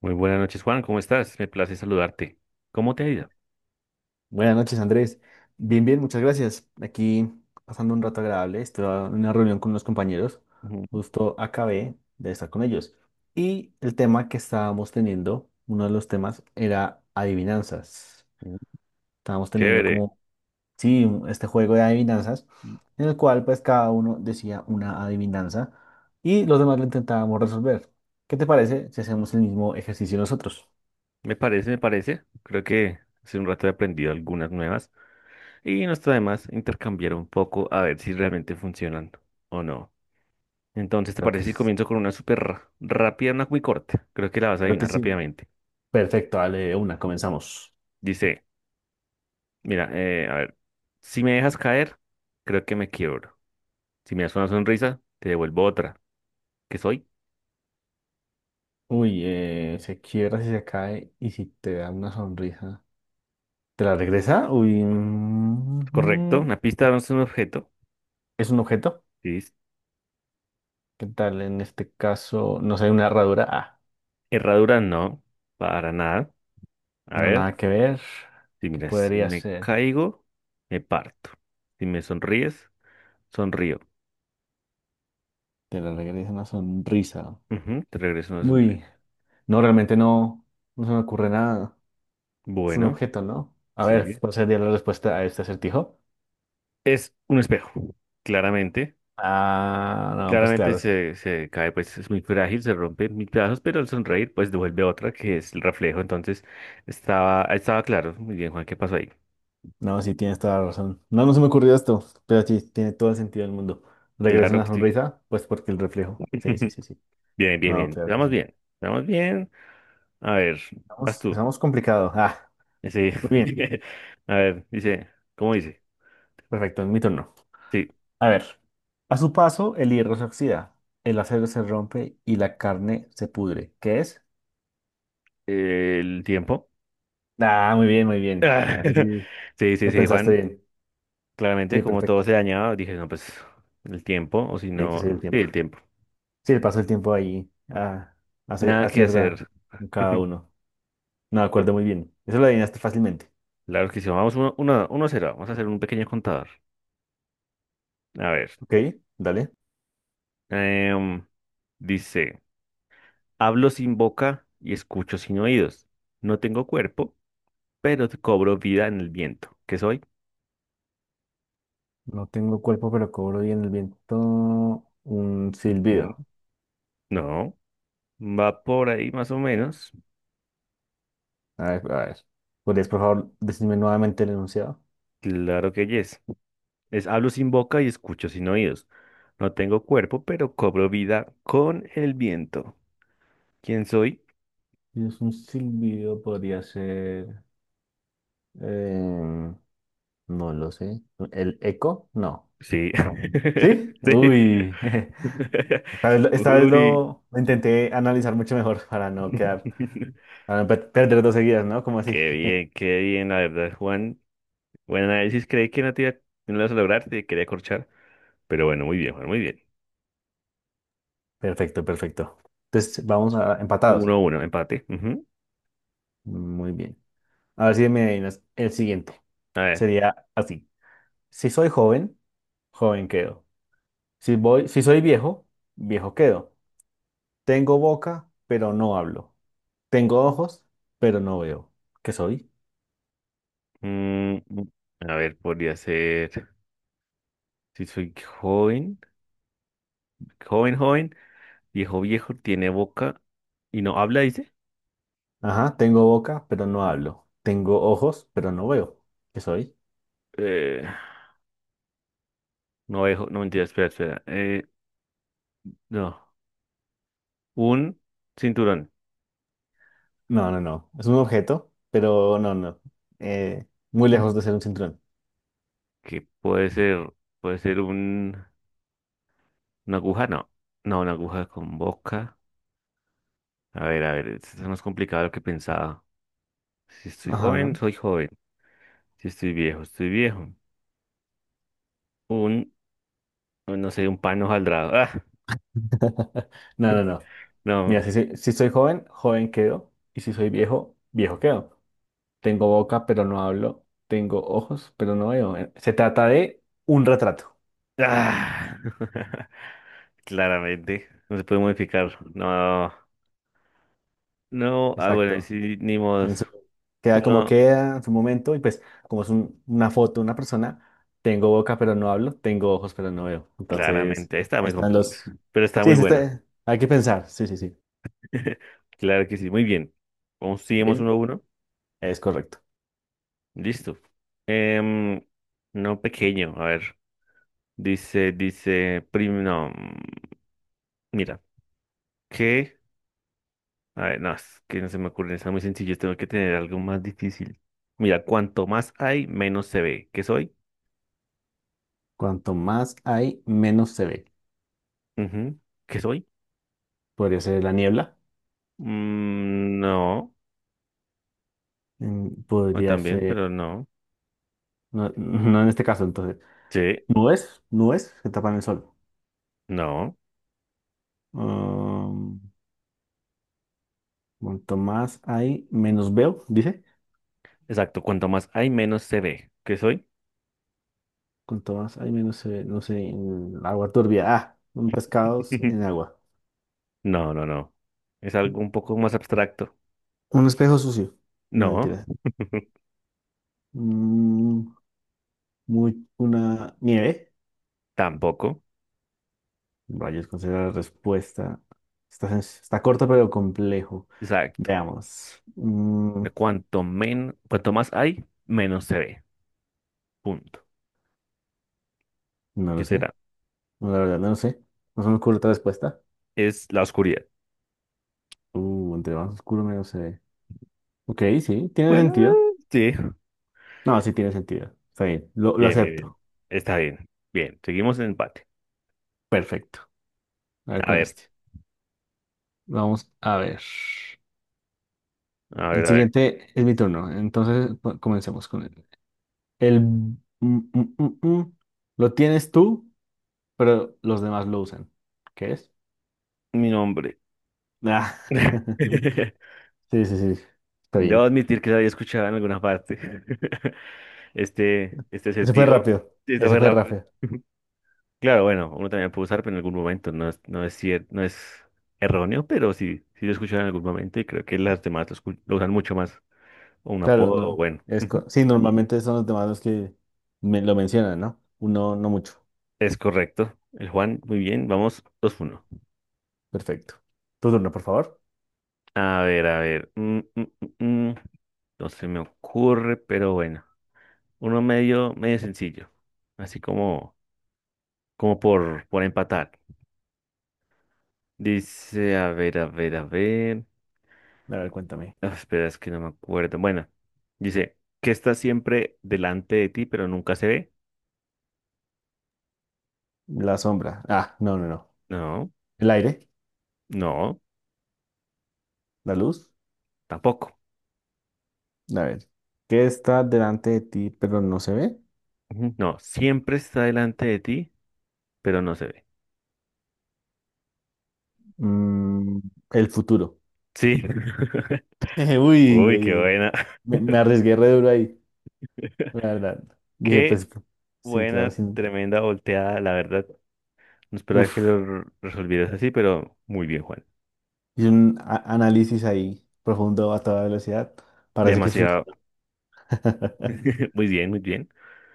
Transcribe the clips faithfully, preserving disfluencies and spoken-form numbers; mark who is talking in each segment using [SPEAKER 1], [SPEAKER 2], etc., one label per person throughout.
[SPEAKER 1] Muy buenas noches, Juan. ¿Cómo estás? Me place saludarte. ¿Cómo te ha ido?
[SPEAKER 2] Buenas noches, Andrés. Bien, bien, muchas gracias. Aquí pasando un rato agradable. Estuve en una reunión con unos compañeros.
[SPEAKER 1] Ujú,
[SPEAKER 2] Justo acabé de estar con ellos. Y el tema que estábamos teniendo, uno de los temas, era adivinanzas.
[SPEAKER 1] ujú.
[SPEAKER 2] Estábamos teniendo
[SPEAKER 1] Chévere.
[SPEAKER 2] como, sí, un- este juego de adivinanzas, en el cual pues cada uno decía una adivinanza y los demás lo intentábamos resolver. ¿Qué te parece si hacemos el mismo ejercicio nosotros?
[SPEAKER 1] Me parece, me parece. Creo que hace un rato he aprendido algunas nuevas y no está de más intercambiar un poco a ver si realmente funcionan o no. Entonces, ¿te
[SPEAKER 2] Creo
[SPEAKER 1] parece
[SPEAKER 2] que,
[SPEAKER 1] si
[SPEAKER 2] s-
[SPEAKER 1] comienzo con una súper ra- rápida, una muy corta? Creo que la vas a
[SPEAKER 2] creo que
[SPEAKER 1] adivinar
[SPEAKER 2] sí.
[SPEAKER 1] rápidamente.
[SPEAKER 2] Perfecto, dale de una, comenzamos.
[SPEAKER 1] Dice, mira, eh, a ver, si me dejas caer, creo que me quiebro. Si me das una sonrisa, te devuelvo otra. ¿Qué soy?
[SPEAKER 2] Uy, eh, se quiebra si se cae y si te da una sonrisa, ¿te la regresa? Uy,
[SPEAKER 1] Correcto.
[SPEAKER 2] mm,
[SPEAKER 1] Una pista no es un objeto.
[SPEAKER 2] es un objeto. ¿Qué tal? En este caso, no sé, una herradura. Ah,
[SPEAKER 1] Herradura no, para nada. A
[SPEAKER 2] no,
[SPEAKER 1] ver,
[SPEAKER 2] nada que ver.
[SPEAKER 1] si
[SPEAKER 2] ¿Qué
[SPEAKER 1] mira, si
[SPEAKER 2] podría
[SPEAKER 1] me
[SPEAKER 2] ser?
[SPEAKER 1] caigo, me parto. Si me sonríes, sonrío.
[SPEAKER 2] Te la regresa una sonrisa.
[SPEAKER 1] Ujú, te regreso una sonrisa.
[SPEAKER 2] Uy, no, realmente no, no se me ocurre nada. Es un
[SPEAKER 1] Bueno,
[SPEAKER 2] objeto, ¿no? A ver,
[SPEAKER 1] sí.
[SPEAKER 2] ¿cuál sería la respuesta a este acertijo?
[SPEAKER 1] Es un espejo, claramente.
[SPEAKER 2] Ah, no, pues
[SPEAKER 1] Claramente
[SPEAKER 2] claro.
[SPEAKER 1] se, se cae, pues es muy frágil, se rompe en mil pedazos, pero al sonreír, pues devuelve otra, que es el reflejo. Entonces, estaba, estaba claro. Muy bien, Juan, ¿qué pasó ahí?
[SPEAKER 2] No, sí, tienes toda la razón. No, no se me ocurrió esto, pero sí, tiene todo el sentido del mundo. Regresa
[SPEAKER 1] Claro
[SPEAKER 2] una
[SPEAKER 1] que sí.
[SPEAKER 2] sonrisa, pues porque el reflejo. Sí, sí, sí, sí.
[SPEAKER 1] Bien, bien,
[SPEAKER 2] No,
[SPEAKER 1] bien.
[SPEAKER 2] claro que
[SPEAKER 1] Estamos
[SPEAKER 2] sí.
[SPEAKER 1] bien. Estamos bien. A ver, vas
[SPEAKER 2] Estamos,
[SPEAKER 1] tú.
[SPEAKER 2] empezamos complicado. Ah,
[SPEAKER 1] Sí.
[SPEAKER 2] muy bien.
[SPEAKER 1] A ver, dice, ¿cómo dice?
[SPEAKER 2] Perfecto, es mi turno.
[SPEAKER 1] Sí,
[SPEAKER 2] A ver. A su paso, el hierro se oxida, el acero se rompe y la carne se pudre. ¿Qué es?
[SPEAKER 1] eh, el tiempo.
[SPEAKER 2] Ah, muy bien, muy bien.
[SPEAKER 1] Ah,
[SPEAKER 2] Ahí sí,
[SPEAKER 1] sí, sí,
[SPEAKER 2] lo
[SPEAKER 1] sí,
[SPEAKER 2] pensaste
[SPEAKER 1] Juan.
[SPEAKER 2] bien.
[SPEAKER 1] Claramente,
[SPEAKER 2] Sí,
[SPEAKER 1] como todo
[SPEAKER 2] perfecto.
[SPEAKER 1] se dañaba, dije, no, pues el tiempo, o si
[SPEAKER 2] Tiene que
[SPEAKER 1] no,
[SPEAKER 2] ser el
[SPEAKER 1] sí,
[SPEAKER 2] tiempo.
[SPEAKER 1] el tiempo.
[SPEAKER 2] Sí, el paso del tiempo ahí ah, hace,
[SPEAKER 1] Nada que
[SPEAKER 2] acierta
[SPEAKER 1] hacer.
[SPEAKER 2] en cada uno. No,
[SPEAKER 1] Lo-
[SPEAKER 2] acuerdo muy bien. Eso lo adivinaste fácilmente.
[SPEAKER 1] Claro que sí, vamos uno, uno, uno a cero. Vamos a hacer un pequeño contador. A ver,
[SPEAKER 2] Ok, dale.
[SPEAKER 1] em, dice, hablo sin boca y escucho sin oídos. No tengo cuerpo, pero te cobro vida en el viento. ¿Qué soy?
[SPEAKER 2] No tengo cuerpo, pero cobro bien el viento. Un
[SPEAKER 1] Ujú.
[SPEAKER 2] silbido.
[SPEAKER 1] No, va por ahí más o menos.
[SPEAKER 2] A ver, a ver. ¿Podrías, por favor, decirme nuevamente el enunciado?
[SPEAKER 1] Claro que yes. Es hablo sin boca y escucho sin oídos. No tengo cuerpo, pero cobro vida con el viento. ¿Quién soy?
[SPEAKER 2] Si es un silbido, podría ser. em, no lo sé. ¿El eco? No.
[SPEAKER 1] Sí.
[SPEAKER 2] ¿Sí?
[SPEAKER 1] Sí.
[SPEAKER 2] Uy. Esta vez, lo- esta vez
[SPEAKER 1] Uy.
[SPEAKER 2] lo, lo intenté analizar mucho mejor para no quedar. Para no per- perder dos seguidas, ¿no? Como así.
[SPEAKER 1] Qué bien, qué bien, la verdad, Juan. Buen análisis, creí que no te iba, no lo ibas a lograr, te quería corchar. Pero bueno, muy bien, Juan, muy bien.
[SPEAKER 2] Perfecto, perfecto. Entonces, vamos a empatados.
[SPEAKER 1] Uno, uno, empate. Ujú.
[SPEAKER 2] Muy bien. A ver si me adivinas el siguiente.
[SPEAKER 1] A ver.
[SPEAKER 2] Sería así. Si soy joven, joven quedo. Si voy, si soy viejo, viejo quedo. Tengo boca, pero no hablo. Tengo ojos, pero no veo. ¿Qué soy?
[SPEAKER 1] mm, a ver, podría ser. Si soy joven. Joven, joven. Viejo viejo, tiene boca y no habla, dice.
[SPEAKER 2] Ajá, tengo boca, pero no hablo. Tengo ojos, pero no veo. ¿Qué soy?
[SPEAKER 1] Eh, no viejo, no mentira, espera, espera. Eh, no, un cinturón.
[SPEAKER 2] No, no, no. Es un objeto, pero no, no. Eh, muy lejos de ser un cinturón.
[SPEAKER 1] Que puede ser, puede ser un, una aguja, no. No, una aguja con boca. A ver, a ver, esto es más complicado de lo que pensaba. Si estoy joven,
[SPEAKER 2] Ajá.
[SPEAKER 1] soy joven. Si estoy viejo, estoy viejo. Un, no sé, un pan hojaldrado. Ah,
[SPEAKER 2] No, no, no. Mira,
[SPEAKER 1] no.
[SPEAKER 2] si soy, si soy joven, joven quedo. Y si soy viejo, viejo quedo. Tengo boca, pero no hablo. Tengo ojos, pero no veo. Eh, Se trata de un retrato.
[SPEAKER 1] Ah. Claramente, no se puede modificar. No, no. Ah, bueno,
[SPEAKER 2] Exacto.
[SPEAKER 1] sí, ni modo.
[SPEAKER 2] En su- Queda como
[SPEAKER 1] Uno,
[SPEAKER 2] queda en su momento y pues como es un- una foto, una persona, tengo boca, pero no hablo. Tengo ojos, pero no veo. Entonces,
[SPEAKER 1] claramente, está
[SPEAKER 2] ahí
[SPEAKER 1] muy
[SPEAKER 2] están
[SPEAKER 1] compl-
[SPEAKER 2] los...
[SPEAKER 1] pero está
[SPEAKER 2] Sí,
[SPEAKER 1] muy
[SPEAKER 2] se
[SPEAKER 1] bueno.
[SPEAKER 2] está- hay que pensar. Sí, sí, sí.
[SPEAKER 1] Claro que sí, muy bien. Vamos, seguimos uno a
[SPEAKER 2] Bien,
[SPEAKER 1] uno.
[SPEAKER 2] es correcto.
[SPEAKER 1] Listo. Em, no pequeño, a ver. Dice, dice, prim, no, mm, mira, que, a ver, no, es que no se me ocurren, está muy sencillo, tengo que tener algo más difícil. Mira, cuanto más hay, menos se ve. ¿Qué soy?
[SPEAKER 2] Cuanto más hay, menos se ve.
[SPEAKER 1] Ujú. ¿Qué soy?
[SPEAKER 2] Podría ser la niebla.
[SPEAKER 1] Mm, no,
[SPEAKER 2] mm,
[SPEAKER 1] no
[SPEAKER 2] Podría
[SPEAKER 1] también,
[SPEAKER 2] ser...
[SPEAKER 1] pero no.
[SPEAKER 2] No, no en este caso, entonces.
[SPEAKER 1] Sí,
[SPEAKER 2] Nubes, nubes que tapan el sol.
[SPEAKER 1] no.
[SPEAKER 2] Um, Cuanto más hay, menos veo, dice.
[SPEAKER 1] Exacto, cuanto más hay, menos se ve. ¿Qué soy?
[SPEAKER 2] Cuanto más hay, menos se ve, no sé, en el agua turbia. Ah, un pescado en agua.
[SPEAKER 1] No, no, no. Es algo un poco más abstracto.
[SPEAKER 2] Un espejo sucio. No,
[SPEAKER 1] No,
[SPEAKER 2] mentira. Mm, muy, una nieve.
[SPEAKER 1] tampoco.
[SPEAKER 2] Rayos, considera la respuesta. Está, sen- está corta, pero complejo.
[SPEAKER 1] Exacto.
[SPEAKER 2] Veamos. Mm,
[SPEAKER 1] De Cuanto men, cuanto más hay, menos se ve. Punto.
[SPEAKER 2] no
[SPEAKER 1] ¿Qué
[SPEAKER 2] lo sé.
[SPEAKER 1] será?
[SPEAKER 2] No, la verdad, no lo sé. No se me ocurre otra respuesta.
[SPEAKER 1] Es la oscuridad.
[SPEAKER 2] Uh, entre más oscuro, menos se ve. Ok, sí, tiene
[SPEAKER 1] Bueno,
[SPEAKER 2] sentido.
[SPEAKER 1] sí.
[SPEAKER 2] No, sí tiene sentido. Está bien, lo, lo
[SPEAKER 1] Bien, bien, bien.
[SPEAKER 2] acepto.
[SPEAKER 1] Está bien. Bien. Seguimos en empate.
[SPEAKER 2] Perfecto. A ver
[SPEAKER 1] A
[SPEAKER 2] con
[SPEAKER 1] ver,
[SPEAKER 2] este. Vamos a ver.
[SPEAKER 1] a
[SPEAKER 2] El
[SPEAKER 1] ver, a ver.
[SPEAKER 2] siguiente es mi turno. Entonces po- comencemos con él. El, mm, mm, mm, mm. Lo tienes tú, pero los demás lo usan. ¿Qué es?
[SPEAKER 1] Mi nombre.
[SPEAKER 2] Ah. Sí, sí, sí. Está
[SPEAKER 1] Debo
[SPEAKER 2] bien.
[SPEAKER 1] admitir que lo había escuchado en alguna parte. Este, este
[SPEAKER 2] Ese fue
[SPEAKER 1] sentido.
[SPEAKER 2] rápido.
[SPEAKER 1] Esto
[SPEAKER 2] Ese
[SPEAKER 1] fue
[SPEAKER 2] fue
[SPEAKER 1] rápido.
[SPEAKER 2] rápido.
[SPEAKER 1] Claro, bueno, uno también puede usar, pero en algún momento no es, no es, cier- no es erróneo, pero sí, sí lo escuchan en algún momento y creo que las demás lo, escu- lo usan mucho más. O un
[SPEAKER 2] Claro,
[SPEAKER 1] apodo, o
[SPEAKER 2] no.
[SPEAKER 1] bueno.
[SPEAKER 2] Es
[SPEAKER 1] Ujú.
[SPEAKER 2] co- sí, normalmente son los demás los que me lo mencionan, ¿no? Uno, no mucho.
[SPEAKER 1] Es correcto. El Juan, muy bien, vamos dos uno.
[SPEAKER 2] Perfecto. Tu turno, por favor.
[SPEAKER 1] A ver, a ver. mm, mm, mm, mm, No se me ocurre, pero bueno. Uno medio, medio sencillo. Así como, como por, por empatar. Dice, a ver, a ver, a ver.
[SPEAKER 2] A ver, cuéntame.
[SPEAKER 1] Ah, espera, es que no me acuerdo. Bueno, dice, ¿que está siempre delante de ti, pero nunca se ve?
[SPEAKER 2] La sombra. Ah, no, no, no.
[SPEAKER 1] No,
[SPEAKER 2] El aire,
[SPEAKER 1] no,
[SPEAKER 2] la luz.
[SPEAKER 1] tampoco.
[SPEAKER 2] A ver, ¿qué está delante de ti pero no se ve?
[SPEAKER 1] Ujú, no, siempre está delante de ti, pero no se ve.
[SPEAKER 2] Mm, el futuro.
[SPEAKER 1] Sí.
[SPEAKER 2] Uy,
[SPEAKER 1] Uy, qué
[SPEAKER 2] ahí-
[SPEAKER 1] buena.
[SPEAKER 2] me, me arriesgué re duro ahí, la verdad. Dije,
[SPEAKER 1] Qué
[SPEAKER 2] pues, sí, claro,
[SPEAKER 1] buena,
[SPEAKER 2] sí.
[SPEAKER 1] tremenda volteada, la verdad. No esperaba que lo
[SPEAKER 2] Uf,
[SPEAKER 1] r- resolvieras así, pero muy bien, Juan.
[SPEAKER 2] hice un a- análisis ahí profundo a toda velocidad. Parece que
[SPEAKER 1] Demasiado.
[SPEAKER 2] funciona.
[SPEAKER 1] Muy bien, muy bien.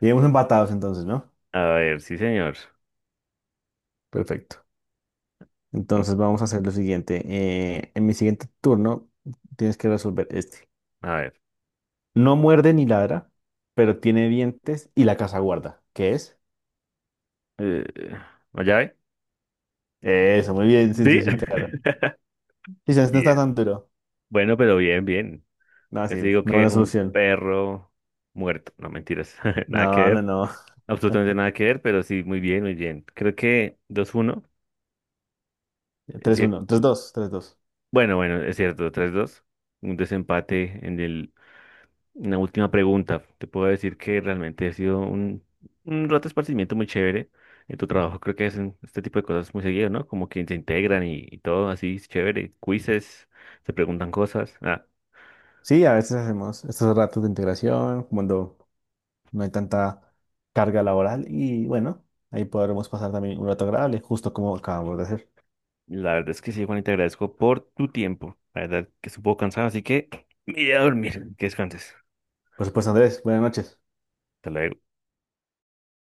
[SPEAKER 2] Llegamos empatados entonces, ¿no?
[SPEAKER 1] A ver, sí, señor.
[SPEAKER 2] Perfecto.
[SPEAKER 1] Mm,
[SPEAKER 2] Entonces vamos a hacer lo siguiente. Eh, en mi siguiente turno tienes que resolver este.
[SPEAKER 1] A ver.
[SPEAKER 2] No muerde ni ladra, pero tiene dientes y la casa guarda. ¿Qué es?
[SPEAKER 1] Eh, ¿la llave?
[SPEAKER 2] Eso, muy bien, sí, sí,
[SPEAKER 1] Sí.
[SPEAKER 2] sí, claro. Sí, ya no está tan
[SPEAKER 1] Bien.
[SPEAKER 2] duro.
[SPEAKER 1] Bueno, pero bien, bien.
[SPEAKER 2] No, sí,
[SPEAKER 1] Casi digo
[SPEAKER 2] no
[SPEAKER 1] que
[SPEAKER 2] buena
[SPEAKER 1] un
[SPEAKER 2] solución.
[SPEAKER 1] perro muerto. No, mentiras. Nada que
[SPEAKER 2] No, no,
[SPEAKER 1] ver.
[SPEAKER 2] no.
[SPEAKER 1] Absolutamente nada que ver, pero sí, muy bien, muy bien. Creo que dos uno es
[SPEAKER 2] Tres
[SPEAKER 1] cier-
[SPEAKER 2] uno, tres dos, tres dos.
[SPEAKER 1] bueno, bueno, es cierto, tres dos. Un desempate en el, en la última pregunta. Te puedo decir que realmente ha sido un, un rato de esparcimiento muy chévere. En tu trabajo creo que hacen este tipo de cosas muy seguido, ¿no? Como que se integran y, y todo así, es chévere. Quizzes, se preguntan cosas. Ah,
[SPEAKER 2] Sí, a veces hacemos estos ratos de integración cuando no hay tanta carga laboral y bueno, ahí podremos pasar también un rato agradable, justo como acabamos de hacer.
[SPEAKER 1] la verdad es que sí, Juan, y te agradezco por tu tiempo. La verdad que estuvo cansado, así que me iré a dormir. Que descanses.
[SPEAKER 2] Por supuesto, Andrés, buenas noches.
[SPEAKER 1] Hasta luego.